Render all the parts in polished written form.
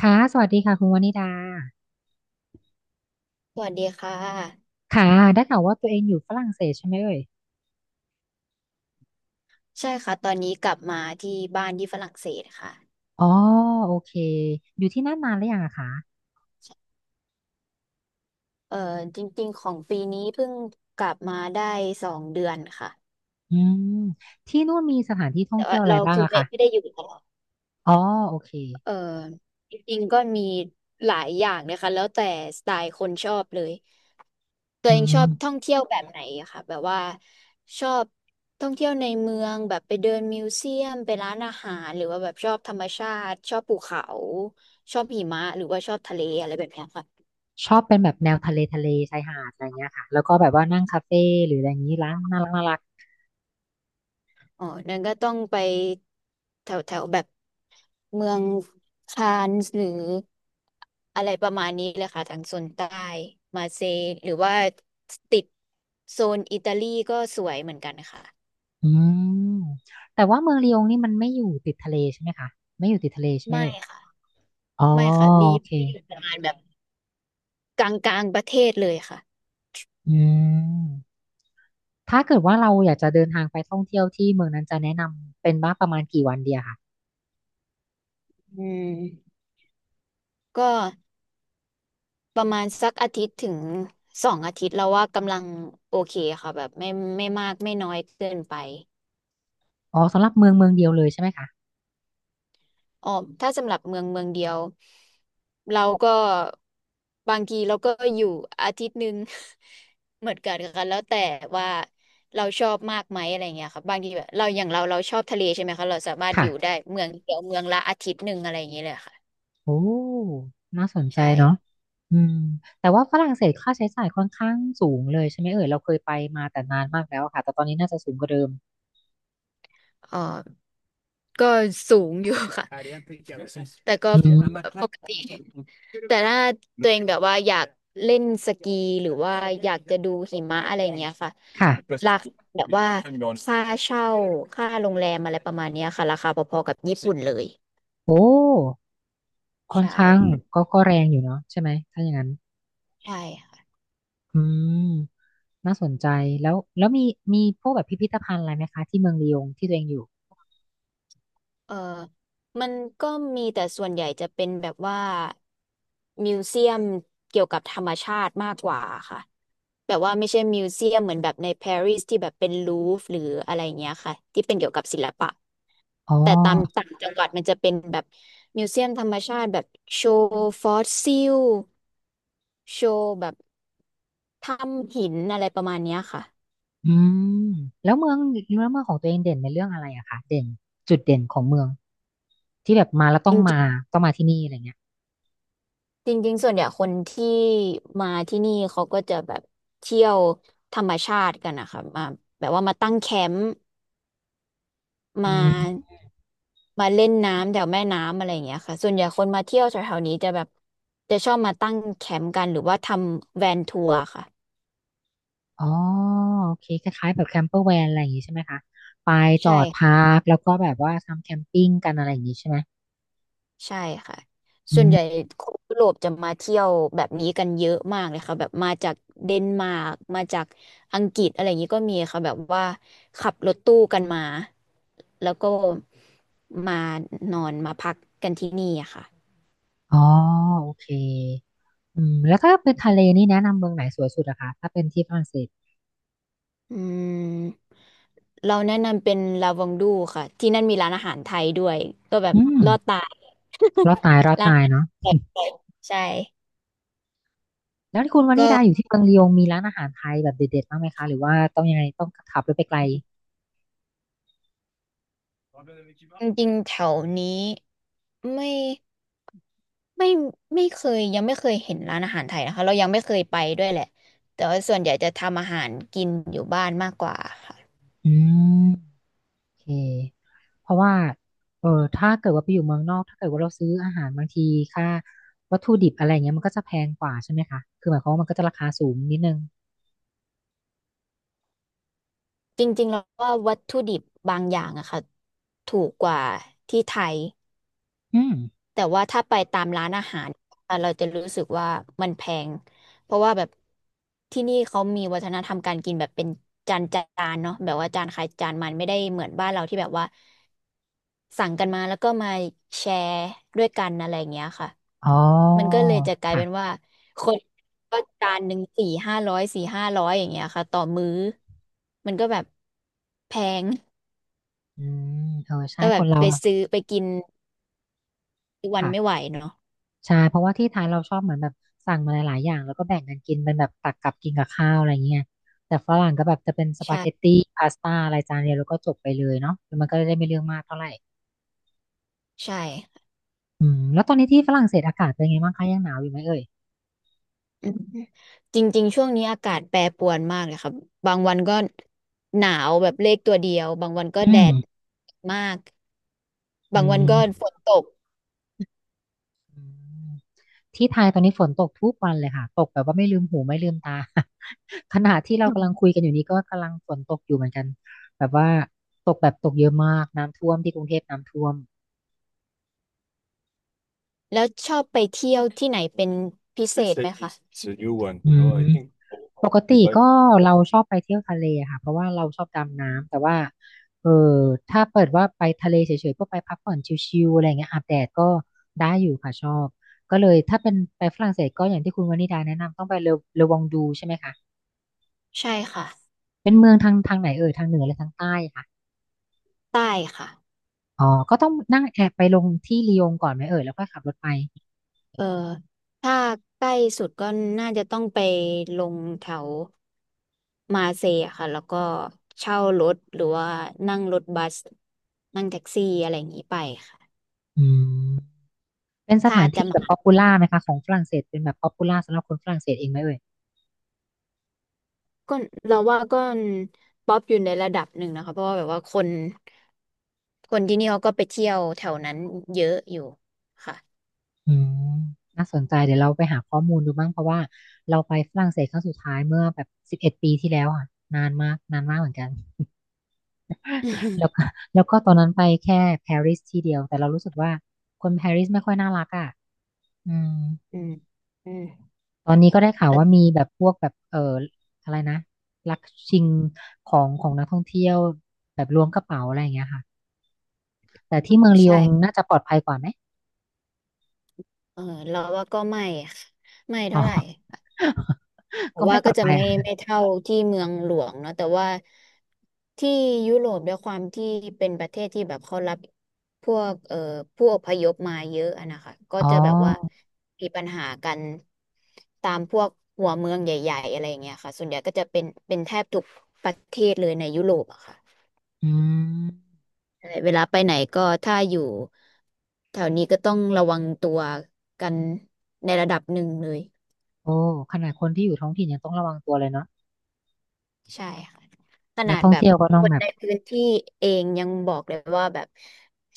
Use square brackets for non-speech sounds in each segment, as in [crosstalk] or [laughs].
ค่ะสวัสดีค่ะคุณวนิดาสวัสดีค่ะค่ะได้ข่าวว่าตัวเองอยู่ฝรั่งเศสใช่ไหมเอ่ยใช่ค่ะตอนนี้กลับมาที่บ้านที่ฝรั่งเศสค่ะอ๋อโอเคอยู่ที่นั่นนานหรือยังอะคะเอ่อจริงๆของปีนี้เพิ่งกลับมาได้2 เดือนค่ะอืมที่นู่นมีสถานที่ท่องแต่เที่ว่ายวอะไรเราบ้างคืออะไม่คะไม่ได้อยู่ตลอดอ๋อโอเคเอ่อจริงๆก็มีหลายอย่างนะคะแล้วแต่สไตล์คนชอบเลยตัวอืเองชอบท่อมงเที่ยวแบบไหนอะค่ะแบบว่าชอบท่องเที่ยวในเมืองแบบไปเดินมิวเซียมไปร้านอาหารหรือว่าแบบชอบธรรมชาติชอบภูเขาชอบหิมะหรือว่าชอบทะเลอะไรแบบเนี้ยค่ะ ชอบเป็นแบบแนวทะเลทะเลชายหาดอะไรเงี้ยค่ะแล้วก็แบบว่านั่งคาเฟ่หรืออะไรอย่างนี้ร้านน่ารักน่ารักอ๋อนั่นก็ต้องไปแถวแถวแบบเมืองคานส์หรืออะไรประมาณนี้เลยค่ะทางโซนใต้มาเซย์หรือว่าติดโซนอิตาลีก็สวยเหมือนกันค่ะอืมแต่ว่าเมืองลียงนี่มันไม่อยู่ติดทะเลใช่ไหมคะไม่อยู่ติดทะเลใช่ไหมไม่เอ่ยค่ะอ๋อไม่ค่ะมีโอเคที่อยู่ประมาณแบบกลางกลางประเทศเลยค่ะอืม ถ้าเกิดว่าเราอยากจะเดินทางไปท่องเที่ยวที่เมืองนั้นจะแนะนำเป็นว่าประมาณกี่วันเดียค่ะอืมก็ประมาณสักอาทิตย์ถึง2 อาทิตย์แล้วว่ากำลังโอเคค่ะแบบไม่มากไม่น้อยเกินไป อ๋อสำหรับเมืองเมืองเดียวเลยใช่ไหมคะอ๋อถ้าสำหรับเมืองเมืองเดียวเราก็บางทีเราก็อยู่อาทิตย์หนึ่ง [laughs] เหมือนกันค่ะแล้วแต่ว่าเราชอบมากไหมอะไรเงี้ยค่ะบางทีแบบเราอย่างเราเราชอบทะเลใช่ไหมคะเราสามารถอยู่ได้ค่ะเมืองเดียวเมืองละอาทิตย์หนึ่งอะไรอย่างเงี้ยเลยค่ะโอ้น่าสนใจเนาะใช่อืมแต่ว่าฝรั่งเศสค่าใช้จ่ายค่อนข้างสูงเลยใช่ไหมเอ่ยเราเคยไปมาแต่นานมากแล้วอะค่ะแต่ตอนนี้น่าจะสูงกว่าเดิมอ๋อ ก็สูงอยู่ค่ะ แต่ก็อืมปกติ แต่ถ้าตัวเองแบบว่าอยากเล่นสกีหรือว่าอยากจะดูหิมะอะไรอย่างเงี้ยค่ะค่ะราคาแบบว่าค่าเช่าค่าโรงแรมอะไรประมาณเนี้ยค่ะราคาพอๆกับญี่ปุ่นเลย โอ้ค่อนใช่ ข้างก็แรงอยู่เนาะใช่ไหมถ้าอย่างนั้นใช่ อืมน่าสนใจแล้วมีมีพวกแบบพิพิธภัณฑ์อะไรไหมคะที่เมืองลียงที่ตัวเองอยู่เออมันก็มีแต่ส่วนใหญ่จะเป็นแบบว่ามิวเซียมเกี่ยวกับธรรมชาติมากกว่าค่ะแบบว่าไม่ใช่มิวเซียมเหมือนแบบในปารีสที่แบบเป็นลูฟหรืออะไรเงี้ยค่ะที่เป็นเกี่ยวกับศิลปะอ๋อ แต่ตามต่างจังหวัดมันจะเป็นแบบมิวเซียมธรรมชาติแบบโชว์ฟอสซิลโชว์แบบถ้ำหินอะไรประมาณเนี้ยค่ะอืมแล้วเมืองแล้วเมืองของตัวเองเด่นในเรื่องอะไรอะคะเด่นจุดเด่นของเมืองที่แบบมาแล้วต้องจ มาต้องมาที่นี่อะไรเงี้ยจริงๆส่วนใหญ่คนที่มาที่นี่เขาก็จะแบบเที่ยวธรรมชาติกันนะคะมาแบบว่ามาตั้งแคมป์มาอืมมาเล่นน้ำแถวแม่น้ำอะไรอย่างเงี้ยค่ะส่วนใหญ่คนมาเที่ยวแถวๆนี้จะแบบจะชอบมาตั้งแคมป์กันหรือว่าทำแวนทัวร์ค่ะอ๋อโอเคคล้ายๆแบบแคมเปอร์แวนอะไรอย่างงี้ใช่ไหมคะไปจอใช่ ดพักแล้วก็แบบว่าทำแคมปิ้งกันอะไรอย่างงี้ใช่ไหมใช่ค่ะ อืส่วนใหญ่มคนยุโรปจะมาเที่ยวแบบนี้กันเยอะมากเลยค่ะแบบมาจากเดนมาร์กมาจากอังกฤษอะไรอย่างนี้ก็มีค่ะแบบว่าขับรถตู้กันมาแล้วก็มานอนมาพักกันที่นี่อะค่ะอ๋อโอเคอืมแล้วถ้าเป็นทะเลนี่แนะนำเมืองไหนสวยสุดอะคะถ้าเป็นที่ฝรั่งเศสอืมเราแนะนำเป็นลาวองดูค่ะที่นั่นมีร้านอาหารไทยด้วยก็แบบอืมลอดตารอดตายรอดร้านตายอาเนาะหารแปลกๆใช่แล้วที่คุณวานิก็ดาอยู่ที่เมืองลียงมีร้านอาหารไทยแบบเด็ดๆบ้างไหมคะหรือว่าต้องยังไงต้องขับรถไปไกลจริงๆแถวนี้ไม่ ไม่ไม่เคยยังไม่เคยเห็นร้านอาหารไทยนะคะเรายังไม่เคยไปด้วยแหละแต่ว่าส่วนใหญ่จะทำอาหารกินอยู่บ้านมากกว่าค่ะอืม เคเพราะว่าเออถ้าเกิดว่าไปอยู่เมืองนอกถ้าเกิดว่าเราซื้ออาหารบางทีค่าวัตถุดิบอะไรเงี้ยมันก็จะแพงกว่าใช่ไหมคะคือหมายความว่ามันก็จะราคาสูงนิดนึงจริงๆแล้วว่าวัตถุดิบบางอย่างอะค่ะถูกกว่าที่ไทยอืมแต่ว่าถ้าไปตามร้านอาหารอะเราจะรู้สึกว่ามันแพงเพราะว่าแบบที่นี่เขามีวัฒนธรรมการกินแบบเป็นจานจานเนาะแบบว่าจานใครจานมันไม่ได้เหมือนบ้านเราที่แบบว่า สั่งกันมาแล้วก็มาแชร์ด้วยกันอะไรอย่างเงี้ยค่ะอ๋อมันก็เลยจะกลายเป็นค่ะว่าคนก็จานหนึ่ง400-500 400-500อย่างเงี้ยค่ะต่อมื้อมันก็แบบแพงอืมเออใช่แล้วแบคบนเราไปอะซื้อไปกินทุกวันไม่ไหวค่ะเนาะใช่เพราะว่าที่ไทยเราชอบเหมือนแบบสั่งมาหลายๆอย่างแล้วก็แบ่งกันกินเป็นแบบตักกับกินกับข้าวอะไรเงี้ยแต่ฝรั่งก็แบบจะเป็นสปาเกตใช่ตี้พาสต้าอะไรจานเดียวแล้วก็จบไปเลยเนาะ้วมันก็จะได้ไม่เรื่องมากเท่าไหร่ใช่อืมแล้วตอนนี้ที่ฝรั่งเศสอากาศเป็นไงบ้างคะยังหนาวอยู่ไหมเอ่ยอืมจริงๆช่วงนี้อากาศแปรปรวนมากเลยครับบางวันก็หนาวแบบเลขตัวเดียวบางวันก็อืแดม ดมากบาอืงวันก็ฝมนตก อืมที่ไทยตอนนี้ฝนตกทุกวันเลยค่ะตกแบบว่าไม่ลืมหูไม่ลืมตา [laughs] ขณะที่เรากำลังคุยกันอยู่นี้ก็กำลังฝนตกอยู่เหมือนกันแบบว่าตกแบบตกเยอะมากน้ำท่วมที่กรุงเทพน้ำท่วมแล้วชอบไปเที่ยวที่ไหนเป็นพิเศพิษเศไหมษคะอืมปกติก็เราชอบไปเที่ยวทะเลอะค่ะเพราะว่าเราชอบดำน้ำแต่ว่าเออถ้าเปิดว่าไปทะเลเฉยๆก็ไปพักผ่อนชิลๆอะไรเงี้ยอาบแดดก็ได้อยู่ค่ะชอบก็เลยถ้าเป็นไปฝรั่งเศสก็อย่างที่คุณวนิดาแนะนำต้องไปเลอเลอวองดูใช่ไหมคะ ใช่ค่ะเป็นเมืองทางทางไหนเอ่ยทางเหนือหรือทางใต้ค่ะใต้ค่ะอ๋อก็ต้องนั่งแอบไปลงที่ลียงก่อนไหมเอ่ยแล้วค่อยขับรถไปเออถ้าใกล้สุดก็น่าจะต้องไปลงแถวมาเซย์ค่ะแล้วก็เช่ารถหรือว่านั่งรถบัสนั่งแท็กซี่อะไรอย่างนี้ไปค่ะอืมเป็นสถ้าถานจะที่แบบมาป๊อปปูล่าไหมคะของฝรั่งเศสเป็นแบบป๊อปปูล่าสำหรับคนฝรั่งเศสเองไหมเอ่ยก็เราว่าก็ป๊อปอยู่ในระดับหนึ่งนะคะเพราะว่าแบบว่าคนที่นี่เขาก็ไปเที่ยวแถวนั้นเยอะอยู่ค่ะ อืมน่าสนใจเดี๋ยวเราไปหาข้อมูลดูบ้างเพราะว่าเราไปฝรั่งเศสครั้งสุดท้ายเมื่อแบบ11 ปีที่แล้วอ่ะนานมากนานมากเหมือนกันแล้วก็ [laughs] [laughs] แล้วก็ตอนนั้นไปแค่ปารีสที่เดียวแต่เรารู้สึกว่าคนปารีสไม่ค่อยน่ารักอ่ะอืม อืมอืมตอนนี้ก็ได้ข่าวอืว่ามีม แบบพวกแบบอะไรนะลักชิงของของนักท่องเที่ยวแบบล้วงกระเป๋าอะไรอย่างเงี้ยค่ะแต่ที่เมืองลียใช่งน่าจะปลอดภัยกว่าไหมเออเราว่าก็ไม่ค่ะไม่อ๋อ เท่าไหร่ [laughs] แต่ก็ว่าไม่ปลก็อดจะภัยไม่อ่ะไม่เท่าที่เมืองหลวงเนาะแต่ว่าที่ยุโรปด้วยความที่เป็นประเทศที่แบบเขารับพวกผู้อพยพมาเยอะอะนะคะก็อ๋อจะแบบว่ามีปัญหากันตามพวกหัวเมืองใหญ่ๆอะไรอย่างเงี้ยค่ะส่วนใหญ่ก็จะเป็นแทบทุกประเทศเลยในยุโรปอะค่ะ อืมเวลาไปไหนก็ถ้าอยู่แถวนี้ก็ต้องระวังตัวกันในระดับหนึ่งเลยโอ้ขนาดคนที่อยู่ท้องถิ่นยังต้องระวังตัวเลยเนาะใช่ค่ะขนันากดท่องแบบเที่ยวก็ต้อคงนแบบในพื้นที่เองยังบอกเลยว่าแบบ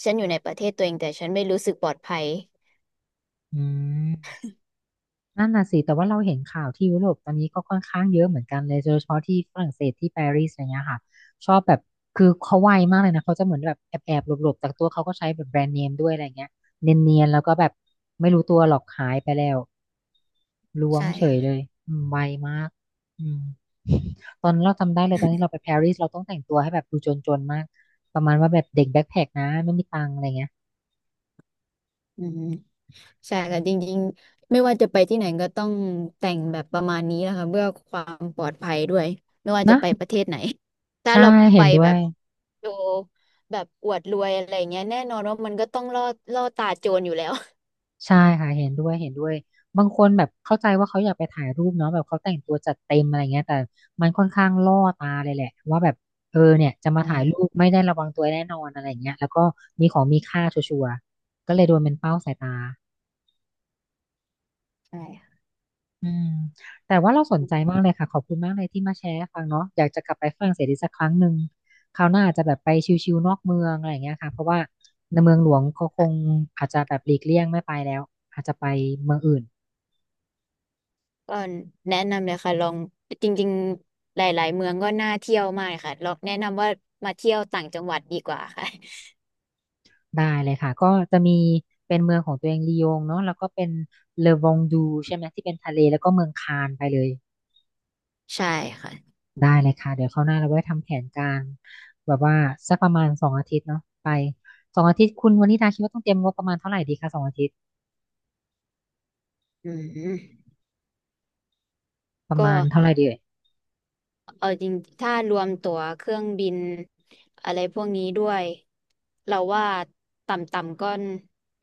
ฉันอยู่ในประเทศตัวเองแต่ฉันไม่รู้สึกปลอดภัยอืม นั่นน่ะสิแต่ว่าเราเห็นข่าวที่ยุโรปตอนนี้ก็ค่อนข้างเยอะเหมือนกันเลยโดยเฉพาะที่ฝรั่งเศสที่ปารีสอะไรเงี้ยค่ะชอบแบบคือเขาไวมากเลยนะเขาจะเหมือนแบบแอบหลบๆบแต่ตัวเขาก็ใช้แบบแบรนด์เนมด้วยอะไรเงี้ยเนียนๆแล้วก็แบบไม่รู้ตัวหรอกหายไปแล้วล้วงใช่เฉยเลค่ะยอืมไวมากอืมตอนนั้นเราจำได้เลยตอนที่เราไปปารีสเราต้องแต่งตัวให้แบบดูจนๆมากประมาณว่าแบบเด็กแบ็คแพ็คนะไม่มีตังค์อะไรเงี้ยอืมใช่ค่ะจริงๆไม่ว่าจะไปที่ไหนก็ต้องแต่งแบบประมาณนี้นะคะเพื่อความปลอดภัยด้วยไม่ว่าจะนะไปประเทศไหนถ้าใช่เราไปเห็นด้วแบย บ โชว์แบบอวดรวยอะไรเงี้ยแน่นอนว่ามันก็ต้องล่อตาโจรอยู่แล้วใช่ค่ะเห็นด้วยเห็นด้วยบางคนแบบเข้าใจว่าเขาอยากไปถ่ายรูปเนาะแบบเขาแต่งตัวจัดเต็มอะไรเงี้ยแต่มันค่อนข้างล่อตาเลยแหละว่าแบบเออเนี่ยจะมาใช่ถ่ายรูปไม่ได้ระวังตัวแน่นอนอะไรเงี้ยแล้วก็มีของมีค่าชัวร์ๆก็เลยโดนเป็นเป้าสายตาใช่แต่ว่าเราสนใจมากเลยค่ะขอบคุณมากเลยที่มาแชร์ให้ฟังเนาะอยากจะกลับไปฝรั่งเศสอีกสักครั้งหนึ่งคราวหน้าอาจจะแบบไปชิลๆนอกเมืองอะไรเงี้ยค่ะเพราะว่าในเมืองหลวงเขาคงค่ะอาจจะแบบหลีกเลี่ยงไม่ไปแล้วอาจจะไปเมืองอื่น ก็แนะนำเลยค่ะลองจริงๆหลายๆเมืองก็น่าเที่ยวมากค่ะลองแนะนำว่ามาเที่ยวต่างจังหวัดดีกว่าค่ะได้เลยค่ะก็จะมีเป็นเมืองของตัวเองลียงเนาะแล้วก็เป็นเลอวองดูใช่ไหมที่เป็นทะเลแล้วก็เมืองคานไปเลยใช่ค่ะได้เลยค่ะเดี๋ยวคราวหน้าเราไว้ทำแผนการแบบว่าสักประมาณสองอาทิตย์เนาะไปสองอาทิตย์คุณวันนี้ดาคิดว่าต้องเตรียมงบประมาณเท่าไหร่ดีคะสองอาทิตย์อืมประก็มาณเท่าไหร่ดีเอ่ยเอาจริงถ้ารวมตั๋วเครื่องบินอะไรพวกนี้ด้วยเราว่าต่ำๆก็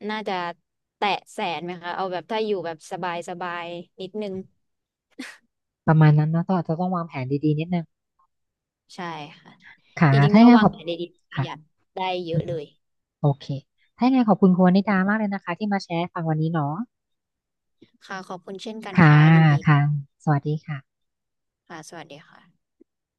น่าจะแตะ100,000ไหมคะเอาแบบถ้าอยู่แบบสบายๆนิดนึง ประมาณนั้นเนาะต้องอาจจะต้องวางแผนดีๆนิดนึงใช่ค่ะค่ะจริงถ้าๆยัถ้างไงวาขงอบแผนได้ดีประค่ะหยัดได้เยอือะมเลยโอเคถ้ายังไงขอบคุณคุณวนิดามากเลยนะคะที่มาแชร์ให้ฟังวันนี้เนาะค่ะขอบคุณเช่นกันค่ะค่ะยินดีค่ะสวัสดีค่ะค่ะสวัสดีค่ะ